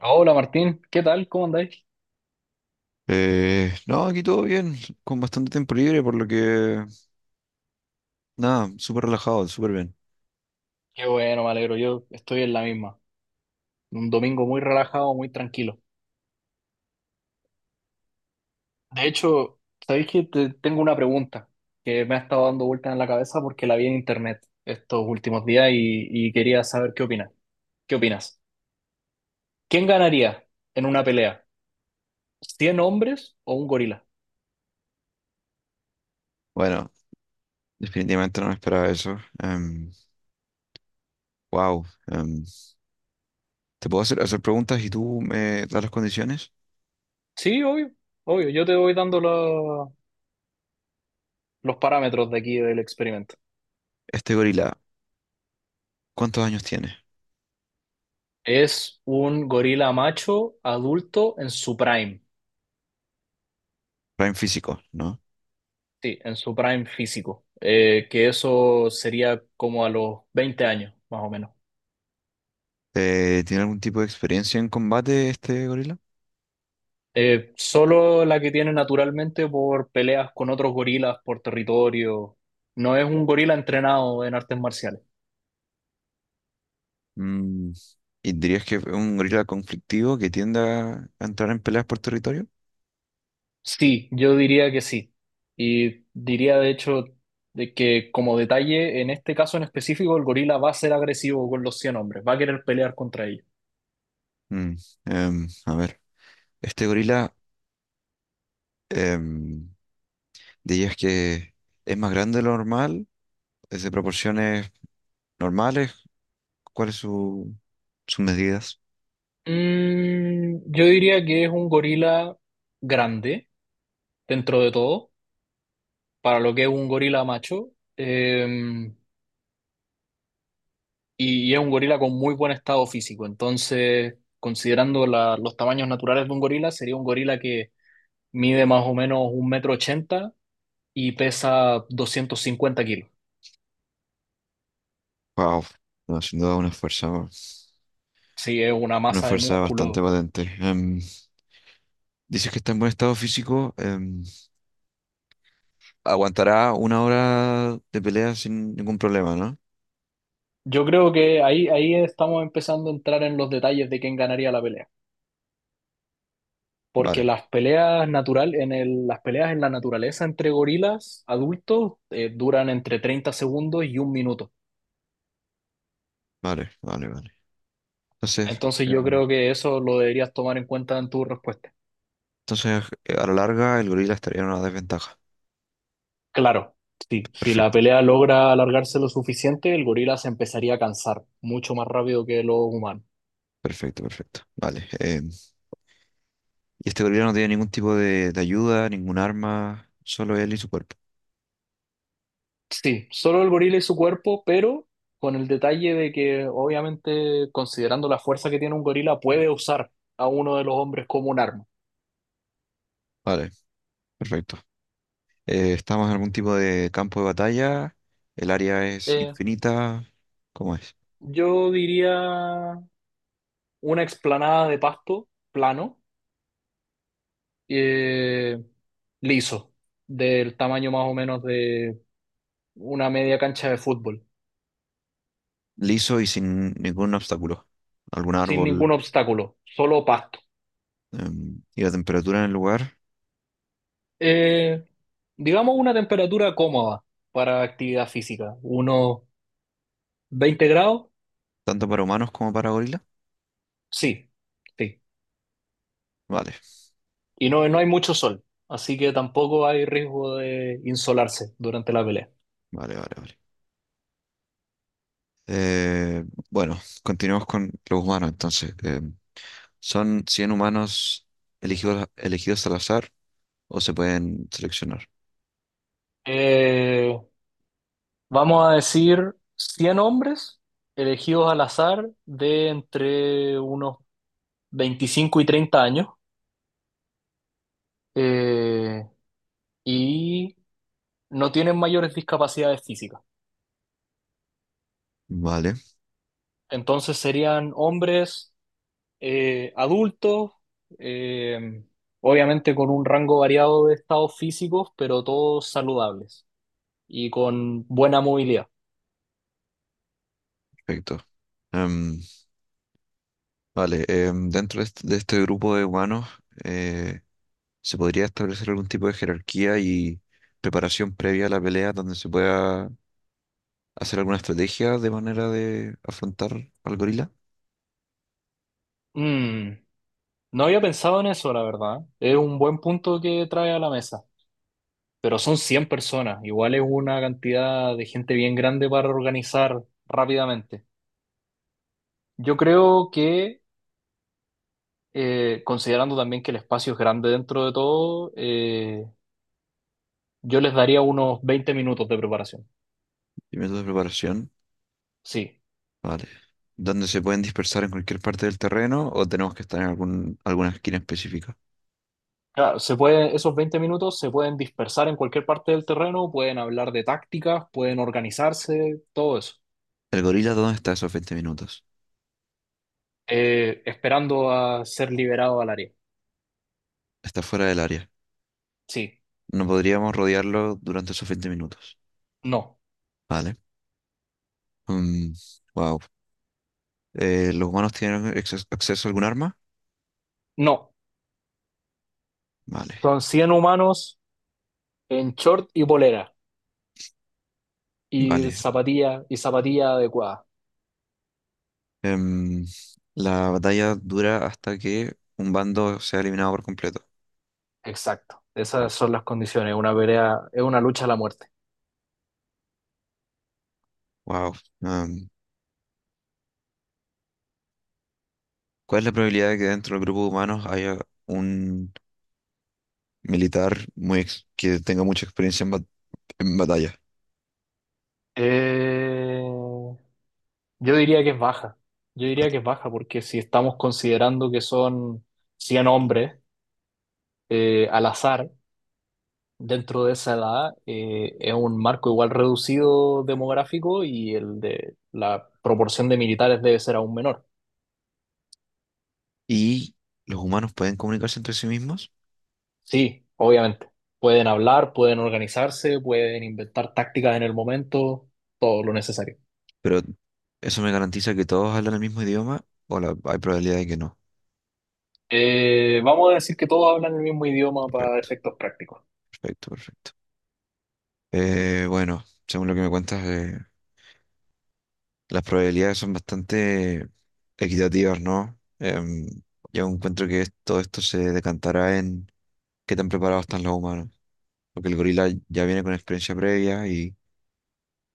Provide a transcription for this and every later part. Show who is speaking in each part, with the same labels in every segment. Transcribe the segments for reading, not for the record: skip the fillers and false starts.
Speaker 1: Hola Martín, ¿qué tal? ¿Cómo andáis?
Speaker 2: No, aquí todo bien, con bastante tiempo libre, por lo que, nada, súper relajado, súper bien.
Speaker 1: Qué bueno, me alegro, yo estoy en la misma. Un domingo muy relajado, muy tranquilo. De hecho, ¿sabéis que tengo una pregunta que me ha estado dando vueltas en la cabeza porque la vi en internet estos últimos días y quería saber qué opinas? ¿Qué opinas? ¿Quién ganaría en una pelea? ¿100 hombres o un gorila?
Speaker 2: Bueno, definitivamente no me esperaba eso. Wow. ¿Te puedo hacer preguntas y tú me das las condiciones?
Speaker 1: Sí, obvio, obvio, yo te voy dando los parámetros de aquí del experimento.
Speaker 2: Este gorila, ¿cuántos años tiene?
Speaker 1: Es un gorila macho adulto en su prime.
Speaker 2: Prime físico, ¿no?
Speaker 1: Sí, en su prime físico, que eso sería como a los 20 años, más o menos.
Speaker 2: ¿Tiene algún tipo de experiencia en combate este gorila?
Speaker 1: Solo la que tiene naturalmente por peleas con otros gorilas por territorio. No es un gorila entrenado en artes marciales.
Speaker 2: Mm, ¿Y dirías que es un gorila conflictivo que tiende a entrar en peleas por territorio?
Speaker 1: Sí, yo diría que sí. Y diría de hecho de que como detalle, en este caso en específico, el gorila va a ser agresivo con los 100 hombres, va a querer pelear contra ellos.
Speaker 2: Mm, a ver, este gorila, em, dirías que es más grande de lo normal, es de proporciones normales, ¿cuáles son sus medidas?
Speaker 1: Mm, yo diría que es un gorila grande dentro de todo para lo que es un gorila macho, eh, y es un gorila con muy buen estado físico. Entonces, considerando los tamaños naturales de un gorila, sería un gorila que mide más o menos un metro ochenta y pesa 250 kilos.
Speaker 2: Wow, no, sin duda una fuerza,
Speaker 1: Sí, es una
Speaker 2: una
Speaker 1: masa de
Speaker 2: fuerza bastante
Speaker 1: músculo.
Speaker 2: potente. Dices que está en buen estado físico, aguantará una hora de pelea sin ningún problema, ¿no?
Speaker 1: Yo creo que ahí estamos empezando a entrar en los detalles de quién ganaría la pelea. Porque
Speaker 2: Vale,
Speaker 1: las peleas natural, las peleas en la naturaleza entre gorilas adultos duran entre 30 segundos y un minuto.
Speaker 2: vale, vale, vale. Entonces,
Speaker 1: Entonces yo
Speaker 2: em,
Speaker 1: creo que eso lo deberías tomar en cuenta en tu respuesta.
Speaker 2: entonces, a la larga el gorila estaría en una desventaja.
Speaker 1: Claro, sí, si la
Speaker 2: Perfecto,
Speaker 1: pelea logra alargarse lo suficiente, el gorila se empezaría a cansar mucho más rápido que los humanos.
Speaker 2: perfecto, perfecto. Vale. Y este gorila no tiene ningún tipo de ayuda, ningún arma, solo él y su cuerpo.
Speaker 1: Sí, solo el gorila y su cuerpo, pero con el detalle de que obviamente considerando la fuerza que tiene un gorila, puede usar a uno de los hombres como un arma.
Speaker 2: Vale, perfecto. Estamos en algún tipo de campo de batalla, el área es
Speaker 1: Eh,
Speaker 2: infinita, ¿cómo es?
Speaker 1: yo diría una explanada de pasto plano, eh, liso, del tamaño más o menos de una media cancha de fútbol,
Speaker 2: Liso y sin ningún obstáculo. ¿Algún
Speaker 1: sin ningún
Speaker 2: árbol?
Speaker 1: obstáculo, solo pasto.
Speaker 2: Y la temperatura en el lugar,
Speaker 1: Eh, digamos una temperatura cómoda para actividad física, unos 20 grados,
Speaker 2: tanto para humanos como para gorila.
Speaker 1: sí, sí.
Speaker 2: Vale,
Speaker 1: Y no, no hay mucho sol, así que tampoco hay riesgo de insolarse durante la pelea.
Speaker 2: vale, vale, vale. Eh, bueno, continuamos con los humanos entonces. ¿Son 100 humanos elegidos al azar o se pueden seleccionar?
Speaker 1: Eh, vamos a decir 100 hombres elegidos al azar de entre unos 25 y 30 años, eh, y no tienen mayores discapacidades físicas.
Speaker 2: Vale,
Speaker 1: Entonces serían hombres, adultos, eh, obviamente con un rango variado de estados físicos, pero todos saludables y con buena movilidad.
Speaker 2: perfecto. Em, vale, dentro de este grupo de humanos eh, se podría establecer algún tipo de jerarquía y preparación previa a la pelea donde se pueda hacer alguna estrategia de manera de afrontar al gorila
Speaker 1: Mm, no había pensado en eso, la verdad. Es un buen punto que trae a la mesa, pero son 100 personas, igual es una cantidad de gente bien grande para organizar rápidamente. Yo creo que, considerando también que el espacio es grande dentro de todo, yo les daría unos 20 minutos de preparación.
Speaker 2: y método de preparación.
Speaker 1: Sí.
Speaker 2: Vale. ¿Donde se pueden dispersar en cualquier parte del terreno o tenemos que estar en alguna esquina específica?
Speaker 1: Claro, se puede, esos 20 minutos se pueden dispersar en cualquier parte del terreno, pueden hablar de tácticas, pueden organizarse, todo eso.
Speaker 2: ¿El gorila dónde está esos 20 minutos?
Speaker 1: Esperando a ser liberado al área.
Speaker 2: Está fuera del área.
Speaker 1: Sí.
Speaker 2: No podríamos rodearlo durante esos 20 minutos.
Speaker 1: No.
Speaker 2: Vale. Mm, wow. ¿Los humanos tienen acceso a algún arma?
Speaker 1: No.
Speaker 2: Vale,
Speaker 1: Son 100 humanos en short y polera y
Speaker 2: vale.
Speaker 1: zapatilla adecuada.
Speaker 2: Em, la batalla dura hasta que un bando sea eliminado por completo.
Speaker 1: Exacto. Esas
Speaker 2: Vale.
Speaker 1: son las condiciones. Una pelea es una lucha a la muerte.
Speaker 2: Wow. Em, ¿Cuál es la probabilidad de que dentro del grupo de humanos haya un militar muy que tenga mucha experiencia en batalla?
Speaker 1: Eh, Yo diría que es baja. Yo diría
Speaker 2: Vale.
Speaker 1: que es baja porque si estamos considerando que son 100 hombres al azar dentro de esa edad, es un marco igual reducido demográfico y el de la proporción de militares debe ser aún menor.
Speaker 2: ¿Y los humanos pueden comunicarse entre sí mismos?
Speaker 1: Sí, obviamente. Pueden hablar, pueden organizarse, pueden inventar tácticas en el momento, todo lo necesario.
Speaker 2: Pero eso me garantiza que todos hablan el mismo idioma o hay probabilidad de que no.
Speaker 1: Vamos a decir que todos hablan el mismo idioma para
Speaker 2: Perfecto,
Speaker 1: efectos prácticos.
Speaker 2: perfecto, perfecto. Bueno, según lo que me cuentas, las probabilidades son bastante equitativas, ¿no? Yo encuentro que todo esto se decantará en qué tan preparados están los humanos. Porque el gorila ya viene con experiencia previa y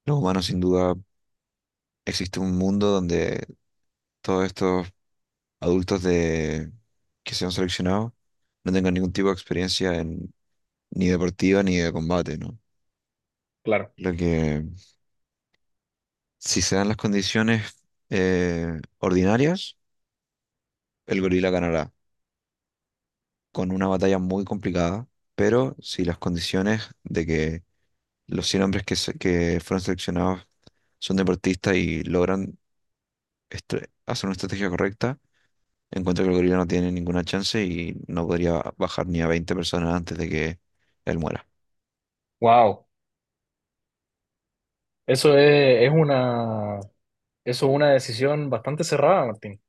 Speaker 2: los humanos sin duda existe un mundo donde todos estos adultos de, que se han seleccionado no tengan ningún tipo de experiencia en, ni deportiva ni de combate, ¿no?
Speaker 1: Claro.
Speaker 2: Lo que si se dan las condiciones ordinarias, el gorila ganará, con una batalla muy complicada, pero si las condiciones de que los 100 hombres que, que fueron seleccionados son deportistas y logran hacer una estrategia correcta, encuentro que el gorila no tiene ninguna chance y no podría bajar ni a 20 personas antes de que él muera.
Speaker 1: Wow. Eso es, es una Eso es una decisión bastante cerrada, Martín.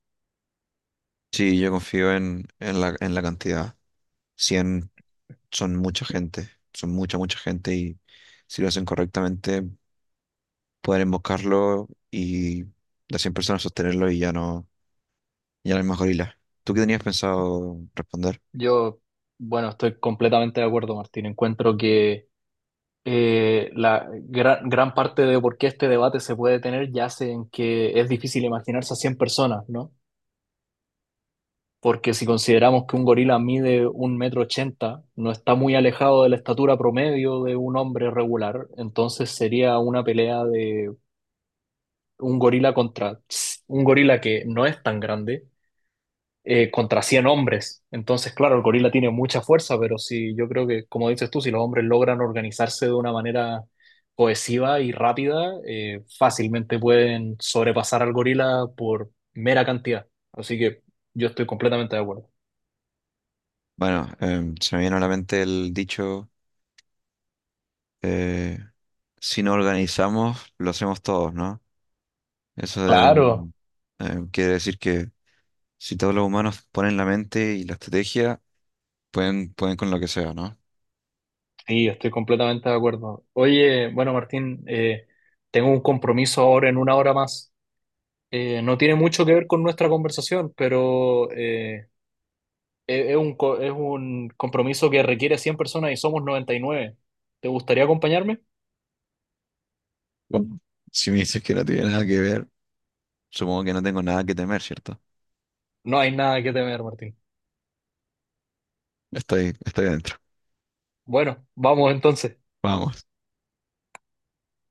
Speaker 2: Sí, yo confío en la cantidad. 100 son mucha gente, son mucha, mucha gente y si lo hacen correctamente pueden emboscarlo y las 100 personas sostenerlo y ya no y a la gorila. ¿Tú qué tenías pensado responder?
Speaker 1: Yo, bueno, estoy completamente de acuerdo, Martín. Encuentro que la gran, gran parte de por qué este debate se puede tener yace en que es difícil imaginarse a 100 personas, ¿no? Porque si consideramos que un gorila mide un metro ochenta, no está muy alejado de la estatura promedio de un hombre regular, entonces sería una pelea de un gorila contra un gorila que no es tan grande, contra 100 hombres. Entonces, claro, el gorila tiene mucha fuerza, pero si yo creo que, como dices tú, si los hombres logran organizarse de una manera cohesiva y rápida, fácilmente pueden sobrepasar al gorila por mera cantidad. Así que yo estoy completamente de acuerdo.
Speaker 2: Bueno, se me viene a la mente el dicho, eh, si no organizamos, lo hacemos todos, ¿no? Eso de-
Speaker 1: Claro,
Speaker 2: quiere decir que si todos los humanos ponen la mente y la estrategia, pueden con lo que sea, ¿no?
Speaker 1: sí, estoy completamente de acuerdo. Oye, bueno, Martín, tengo un compromiso ahora en una hora más. No tiene mucho que ver con nuestra conversación, pero es un compromiso que requiere 100 personas y somos 99. ¿Te gustaría acompañarme?
Speaker 2: Bueno, si me dices que no tiene nada que ver, supongo que no tengo nada que temer, ¿cierto?
Speaker 1: No hay nada que temer, Martín.
Speaker 2: Estoy adentro.
Speaker 1: Bueno, vamos entonces.
Speaker 2: Vamos.